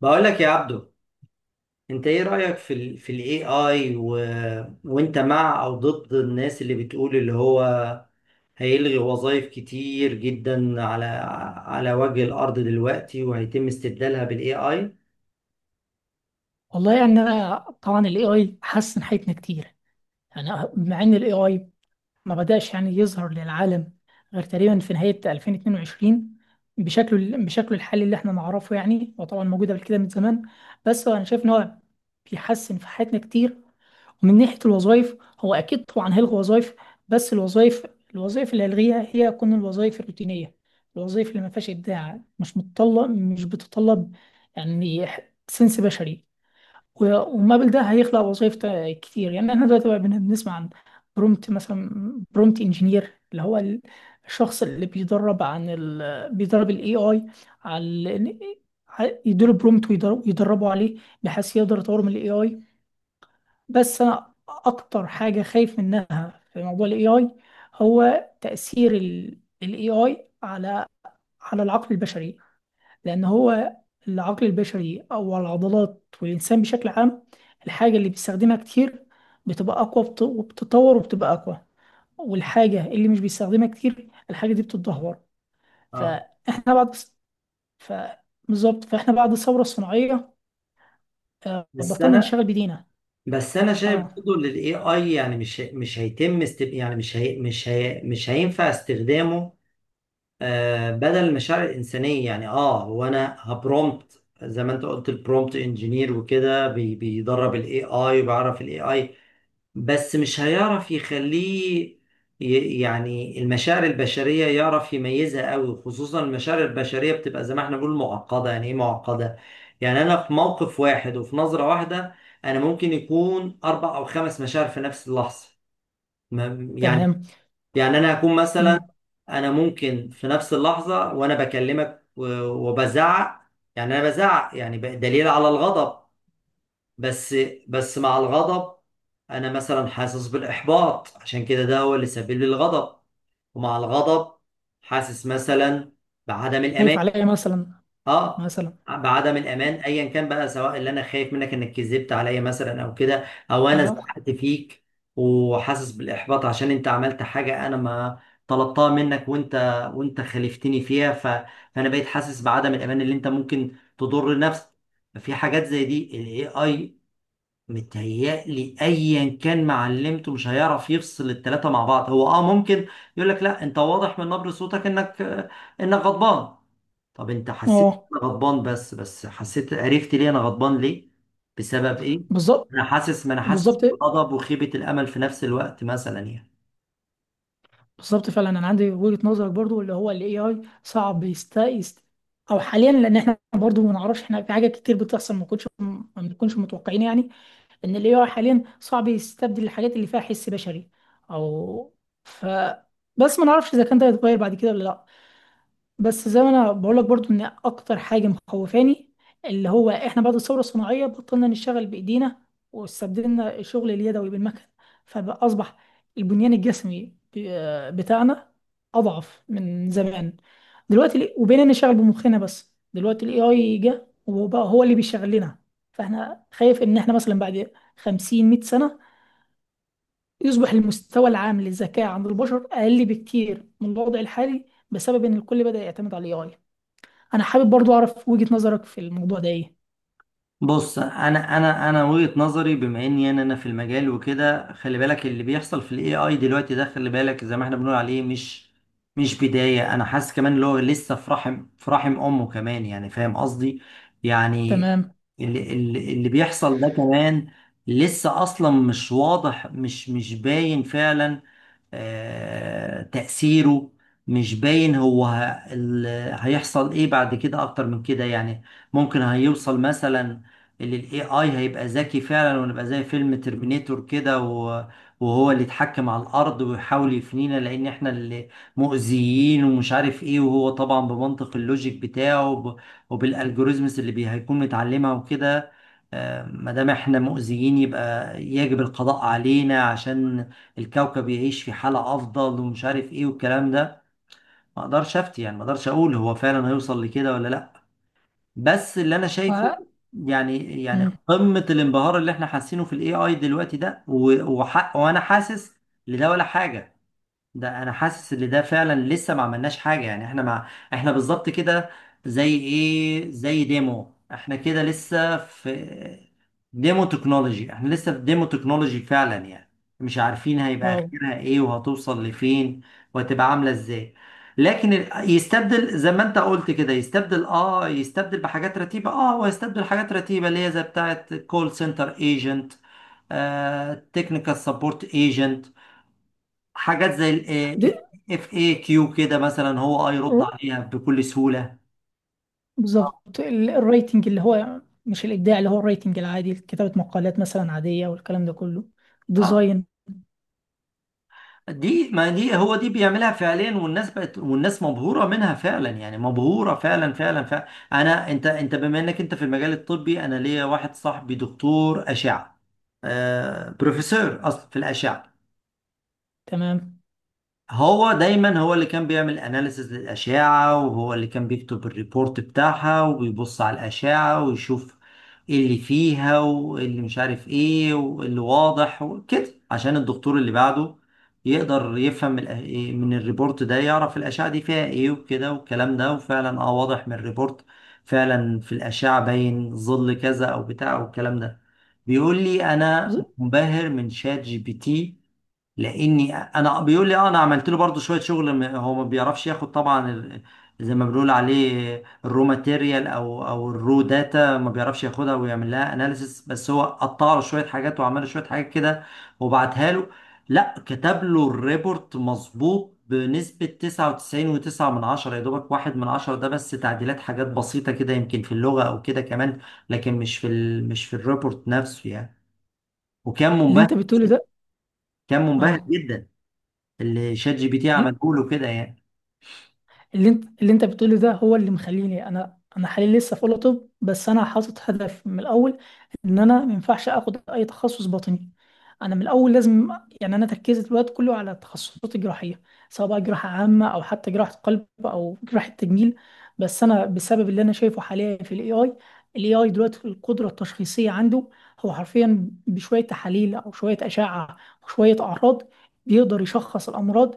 بقول لك يا عبدو، انت ايه رأيك في الاي اي وانت مع او ضد الناس اللي بتقول اللي هو هيلغي وظائف كتير جدا على وجه الارض دلوقتي وهيتم استبدالها بالاي اي؟ والله، يعني انا طبعا الاي اي حسن حياتنا كتير، يعني. مع ان الاي اي ما بداش يعني يظهر للعالم غير تقريبا في نهاية 2022 بشكله الحالي اللي احنا نعرفه. يعني هو طبعا موجود قبل كده من زمان، بس انا شايف ان هو بيحسن في حياتنا كتير. ومن ناحية الوظائف، هو اكيد طبعا هيلغي وظائف، بس الوظائف اللي هيلغيها هي تكون الوظائف الروتينية، الوظائف اللي ما فيهاش ابداع، مش متطلب، مش بتطلب يعني سنس بشري. و- ومابل ده هيخلق وظائف كتير. يعني احنا دلوقتي بقى بنسمع عن برومت مثلا، برومت انجينير، اللي هو الشخص اللي بيدرب عن بيدرب الاي اي على يديله برومت ويدربه عليه، بحيث يقدر يطور من الاي اي. بس انا اكتر حاجة خايف منها في موضوع الاي اي هو تأثير الاي اي على العقل البشري. لأن هو العقل البشري أو العضلات والإنسان بشكل عام، الحاجة اللي بيستخدمها كتير بتبقى أقوى وبتتطور وبتبقى أقوى، والحاجة اللي مش بيستخدمها كتير الحاجة دي بتتدهور. اه فإحنا بعد ف بالظبط، فإحنا بعد الثورة الصناعية بس بطلنا انا نشتغل بإيدينا. بس انا شايف أه. برضه ان الاي اي، يعني مش يعني مش هينفع استخدامه آه، بدل المشاعر الإنسانية. يعني هو انا هبرومبت زي ما انت قلت، البرومبت انجينير، وكده بيدرب الاي اي وبيعرف الاي اي، بس مش هيعرف يخليه، يعني المشاعر البشرية يعرف يميزها قوي. خصوصا المشاعر البشرية بتبقى زي ما احنا بنقول معقدة. يعني ايه معقدة؟ يعني انا في موقف واحد وفي نظرة واحدة انا ممكن يكون اربع او خمس مشاعر في نفس اللحظة. يعني، تمام. انا هكون مثلا، مم. انا ممكن في نفس اللحظه وانا بكلمك وبزعق. يعني انا بزعق، يعني دليل على الغضب، بس مع الغضب انا مثلا حاسس بالاحباط، عشان كده ده هو اللي سبب لي الغضب. ومع الغضب حاسس مثلا بعدم الامان، خايف عليا مثلا. اه مثلا. بعدم الامان، ايا كان بقى، سواء اللي انا خايف منك انك كذبت عليا مثلا او كده، او انا أه. زعلت فيك. وحاسس بالاحباط عشان انت عملت حاجه انا ما طلبتها منك، وانت خالفتني فيها. فانا بقيت حاسس بعدم الامان اللي انت ممكن تضر نفسك. في حاجات زي دي، الاي اي متهيألي ايا كان معلمته مش هيعرف يفصل التلاتة مع بعض. هو اه ممكن يقول لك لا، انت واضح من نبرة صوتك انك غضبان. طب انت حسيت أه. إن انا غضبان، بس حسيت، عرفت ليه انا غضبان، ليه؟ بسبب ايه؟ بالظبط. انا حاسس، ما انا حاسس بالظبط. بغضب وخيبة الامل في نفس الوقت مثلا، يعني. بالظبط فعلا، انا عندي وجهة نظرك برضو، اللي هو الاي اي صعب او حاليا، لان احنا برضو ما نعرفش. احنا في حاجات كتير بتحصل ما بنكونش متوقعين. يعني ان الاي اي حاليا صعب يستبدل الحاجات اللي فيها حس بشري، او ف بس ما نعرفش اذا كان ده هيتغير بعد كده ولا لا. بس زي ما انا بقول لك برضو ان اكتر حاجه مخوفاني، اللي هو احنا بعد الثوره الصناعيه بطلنا نشتغل بايدينا، واستبدلنا الشغل اليدوي بالمكن، فاصبح البنيان الجسمي بتاعنا اضعف من زمان. دلوقتي وبقينا نشتغل بمخنا، بس دلوقتي الاي اي جه وبقى هو اللي بيشغل لنا. فاحنا خايف ان احنا مثلا بعد 50 100 سنه يصبح المستوى العام للذكاء عند البشر اقل بكتير من الوضع الحالي، بسبب ان الكل بدأ يعتمد على الاي اي. انا حابب برضو اعرف وجهة نظرك في الموضوع ده ايه؟ بص، انا وجهة نظري، بما اني انا في المجال وكده، خلي بالك اللي بيحصل في الاي اي دلوقتي ده، خلي بالك زي ما احنا بنقول عليه، مش بداية. انا حاسس كمان اللي هو لسه في رحم، في رحم امه كمان، يعني فاهم قصدي؟ يعني تمام. اللي بيحصل ده كمان لسه اصلا مش واضح، مش باين فعلا. آه، تأثيره مش باين. هو ال- هيحصل ايه بعد كده اكتر من كده، يعني؟ ممكن هيوصل مثلا اللي الاي اي هيبقى ذكي فعلا ونبقى زي فيلم ترمينيتور كده، وهو اللي يتحكم على الارض ويحاول يفنينا لان احنا اللي مؤذيين ومش عارف ايه. وهو طبعا بمنطق اللوجيك بتاعه وبالالجوريزمز اللي هيكون متعلمها وكده. آه، ما دام احنا مؤذيين يبقى يجب القضاء علينا عشان الكوكب يعيش في حالة أفضل، ومش عارف إيه والكلام ده. ما أقدرش أفتي، يعني ما أقدرش أقول هو فعلا هيوصل لكده ولا لأ. بس اللي أنا شايفه، و... يعني مم. قمة الانبهار اللي إحنا حاسينه في ال AI دلوقتي ده وحق، وأنا حاسس لده ولا حاجة. ده انا حاسس ان ده فعلا لسه ما عملناش حاجه، يعني احنا، مع احنا بالظبط كده، زي ايه، زي ديمو، احنا كده لسه في ديمو تكنولوجي، احنا لسه في ديمو تكنولوجي فعلا، يعني مش عارفين هيبقى واو. اخرها ايه وهتوصل لفين وهتبقى عامله ازاي. لكن يستبدل زي ما انت قلت كده، يستبدل، اه يستبدل بحاجات رتيبه، اه هو يستبدل حاجات رتيبه اللي هي زي بتاعه كول سنتر ايجنت، تكنيكال سبورت ايجنت، حاجات زي دي... اف اي كيو كده مثلا، هو اه يرد عليها بكل سهولة. آه. بالظبط، الرايتنج اللي هو مش الابداع، اللي هو الرايتنج العادي، كتابة مقالات مثلا عادية والكلام ده كله. ديزاين. آه. دي، ما دي هو دي بيعملها فعليا. والناس بقت، والناس مبهورة منها فعلا، يعني مبهورة فعلا فعلا فعلا. انا، انت بما انك انت في المجال الطبي، انا ليا واحد صاحبي دكتور أشعة، آه بروفيسور اصلا في الأشعة. تمام. هو دايما هو اللي كان بيعمل اناليسز للأشعة، وهو اللي كان بيكتب الريبورت بتاعها وبيبص على الأشعة ويشوف ايه اللي فيها وايه اللي مش عارف ايه واللي واضح وكده، عشان الدكتور اللي بعده يقدر يفهم إيه من الريبورت ده، يعرف الأشعة دي فيها ايه وكده والكلام ده. وفعلا اه واضح من الريبورت فعلا في الأشعة باين ظل كذا او بتاع والكلام ده. بيقول لي انا بز- منبهر من شات جي بي تي، لاني انا، بيقول لي اه انا عملت له برضو شويه شغل، هو ما بيعرفش ياخد طبعا زي ما بنقول عليه الرو ماتيريال، او الرو داتا، ما بيعرفش ياخدها ويعمل لها اناليسيس، بس هو قطع له شويه حاجات وعمل له شويه حاجات كده وبعتها له. لا، كتب له الريبورت مظبوط بنسبه 99.9 من عشرة، يا دوبك واحد من عشرة ده بس، تعديلات حاجات بسيطه كده، يمكن في اللغه او كده كمان، لكن مش في الريبورت نفسه يعني. وكان اللي منبهر، انت بتقوله ده. كان منبهر اه. اللي شات جي بي تي عمله له كده يعني. اللي انت بتقوله ده هو اللي مخليني انا حاليا لسه في اولى طب. بس انا حاطط هدف من الاول ان انا ما ينفعش اخد اي تخصص باطني. انا من الاول لازم، يعني انا تركيزي الوقت كله على التخصصات الجراحيه، سواء بقى جراحه عامه او حتى جراحه قلب او جراحه تجميل. بس انا بسبب اللي انا شايفه حاليا في الاي اي، الاي اي دلوقتي القدره التشخيصيه عنده، هو حرفيا بشويه تحاليل او شويه اشعه وشويه اعراض بيقدر يشخص الامراض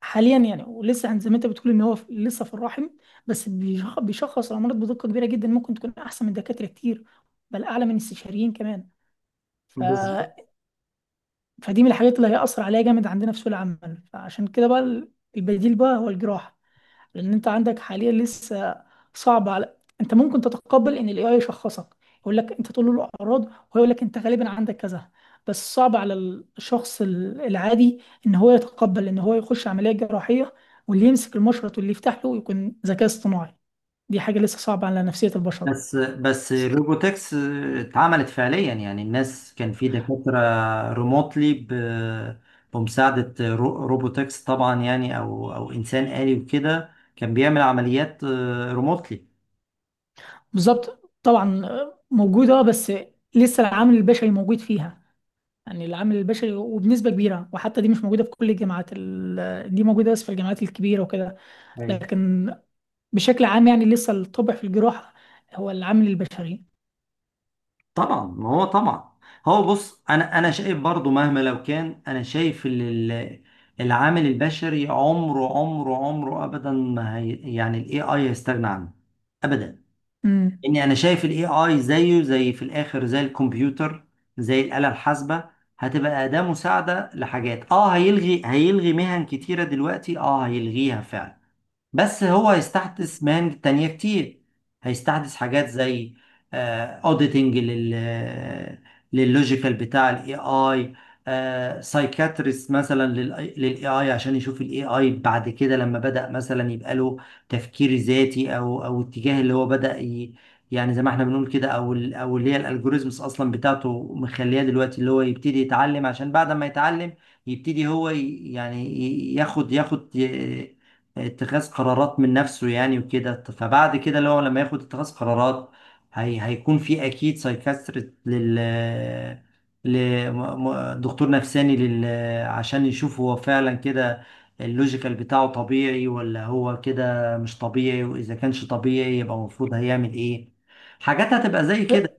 حاليا. يعني، ولسه زي ما انت بتقول ان هو لسه في الرحم، بس بيشخص الامراض بدقه كبيره جدا، ممكن تكون احسن من دكاتره كتير، بل اعلى من الاستشاريين كمان. ف... بالظبط. فدي من الحاجات اللي هيأثر عليها جامد عندنا في سوق العمل. فعشان كده بقى البديل بقى هو الجراحه، لان انت عندك حاليا لسه صعب على. انت ممكن تتقبل ان الاي اي يشخصك، يقول لك، انت تقول له الاعراض وهو يقول لك انت غالبا عندك كذا، بس صعب على الشخص العادي ان هو يتقبل ان هو يخش عمليه جراحيه، واللي يمسك المشرط واللي يفتح له يكون ذكاء اصطناعي. دي حاجه لسه صعبه على نفسيه البشر. بس الروبوتكس اتعملت فعليا، يعني الناس كان في دكاترة ريموتلي بمساعدة روبوتكس طبعا يعني، او انسان آلي وكده، كان بيعمل عمليات ريموتلي. بالظبط طبعا، موجوده، بس لسه العامل البشري موجود فيها. يعني العامل البشري وبنسبه كبيره، وحتى دي مش موجوده في كل الجامعات. دي موجوده بس في الجامعات الكبيره وكده. ايوه لكن بشكل عام، يعني لسه الطبع في الجراحة هو العامل البشري. طبعا، ما هو طبعا. هو بص، انا شايف برضو مهما لو كان، انا شايف العامل البشري، عمره ابدا ما هي، يعني الاي اي هيستغنى عنه ابدا. امم. اني انا شايف الاي اي زيه زي في الاخر زي الكمبيوتر، زي الآلة الحاسبة، هتبقى أداة مساعدة لحاجات. اه هيلغي مهن كتيرة دلوقتي، اه هيلغيها فعلا، بس هو هيستحدث مهن تانية كتير. هيستحدث حاجات زي اوديتنج لللوجيكال بتاع الاي اي، سايكاتريست مثلا للاي اي عشان يشوف الاي اي بعد كده، لما بدأ مثلا يبقى له تفكير ذاتي او اتجاه اللي هو بدأ يعني زي ما احنا بنقول كده، او او اللي هي الالجوريزمز اصلا بتاعته مخليه دلوقتي اللي هو يبتدي يتعلم، عشان بعد ما يتعلم يبتدي هو يعني ياخد اتخاذ قرارات من نفسه يعني وكده. فبعد كده اللي هو لما ياخد اتخاذ قرارات، هي هيكون في اكيد سايكاستريت لل ل- م- م- دكتور نفساني لل، عشان يشوف هو فعلا كده اللوجيكال بتاعه طبيعي ولا هو كده مش طبيعي، واذا كانش طبيعي يبقى المفروض هيعمل ايه. حاجات هتبقى زي ب... كده.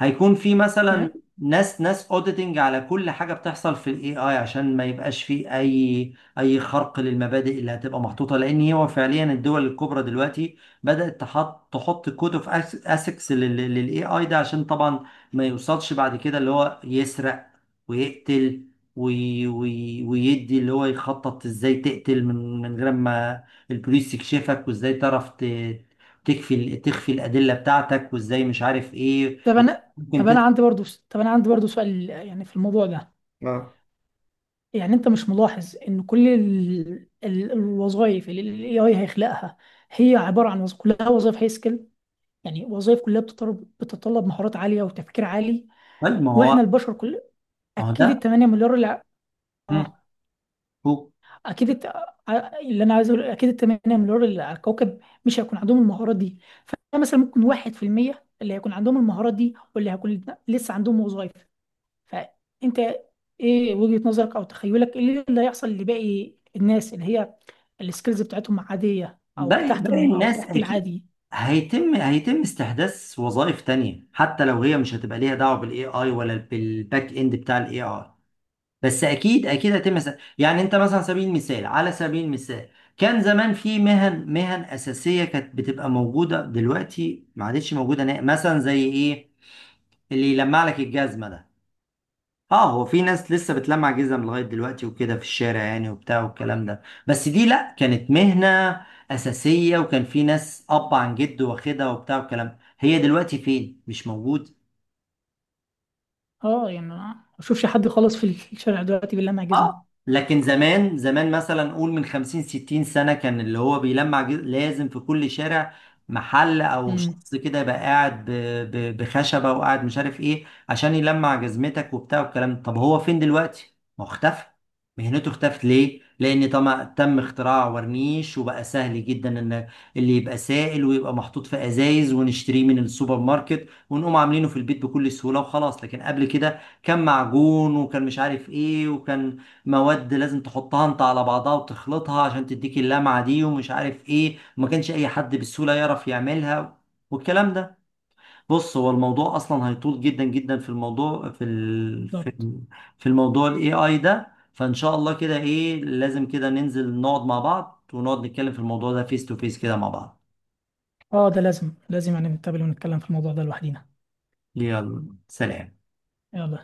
هيكون في مثلا تمام. ناس اوديتنج على كل حاجه بتحصل في الاي اي، عشان ما يبقاش في اي اي خرق للمبادئ اللي هتبقى محطوطه. لان هو فعليا الدول الكبرى دلوقتي بدات تحط كود اوف اسكس للاي اي ده، عشان طبعا ما يوصلش بعد كده اللي هو يسرق ويقتل، وي وي ويدي اللي هو يخطط ازاي تقتل من غير ما البوليس يكشفك، وازاي تعرف تكفي تخفي الادله بتاعتك، وازاي مش عارف ايه. ممكن طب انا تسأل. عندي برضو. طب انا عندي برضو سؤال يعني في الموضوع ده. اه يعني انت مش ملاحظ ان كل الوظائف اللي الاي اي هيخلقها هي عبارة عن كلها وظائف هاي سكيل؟ يعني وظائف كلها بتتطلب مهارات عالية وتفكير عالي. طيب، ما واحنا هو البشر كل، ما هو اكيد ال ده. 8 مليار اللي، مم. اه، هو اكيد اللي انا عايز اقول اكيد 8 مليار اللي على الكوكب مش هيكون عندهم المهارات دي. فمثلا ممكن واحد في المية اللي هيكون عندهم المهارات دي واللي هيكون لسه عندهم وظائف. فانت ايه وجهة نظرك او تخيلك ايه اللي هيحصل لباقي الناس؟ اللي هي السكيلز بتاعتهم عادية او باقي تحت باقي او الناس تحت اكيد العادي. هيتم استحداث وظائف تانية، حتى لو هي مش هتبقى ليها دعوة بالاي اي ولا بالباك اند بتاع الاي اي. بس اكيد يعني انت مثلا، على سبيل المثال، كان زمان في مهن اساسيه كانت بتبقى موجوده، دلوقتي ما عادتش موجوده نهائي. مثلا زي ايه؟ اللي يلمع لك الجزمه ده. اه هو في ناس لسه بتلمع جزم لغاية دلوقتي وكده في الشارع يعني وبتاع والكلام ده، بس دي لا، كانت مهنة أساسية وكان في ناس أب عن جد واخدها وبتاع والكلام ده. هي دلوقتي فين؟ مش موجود. اه، يعني أنا ما اشوفش حد خالص في الشارع دلوقتي، بالله ما. اه لكن زمان زمان مثلا، قول من 50 60 سنة، كان اللي هو لازم في كل شارع محل او امم. شخص كده يبقى قاعد بخشبة وقاعد مش عارف ايه عشان يلمع جزمتك وبتاع والكلام ده. طب هو فين دلوقتي؟ ما هو اختفى. مهنته اختفت ليه؟ لأن طبعا تم اختراع ورنيش، وبقى سهل جدا ان اللي يبقى سائل ويبقى محطوط في ازايز ونشتريه من السوبر ماركت ونقوم عاملينه في البيت بكل سهولة وخلاص. لكن قبل كده كان معجون وكان مش عارف ايه، وكان مواد لازم تحطها انت على بعضها وتخلطها عشان تديك اللمعة دي ومش عارف ايه، وما كانش اي حد بالسهولة يعرف يعملها والكلام ده. بص هو الموضوع اصلا هيطول جدا جدا، في الموضوع، في ال... بالظبط. في في الموضوع الاي اي ده، فان شاء الله كده، ايه، لازم كده ننزل نقعد مع بعض ونقعد نتكلم في الموضوع ده فيس تو فيس كده مع بعض. اه، ده لازم لازم يعني نتقابل ونتكلم في الموضوع ده لوحدينا. يلا سلام. يلا.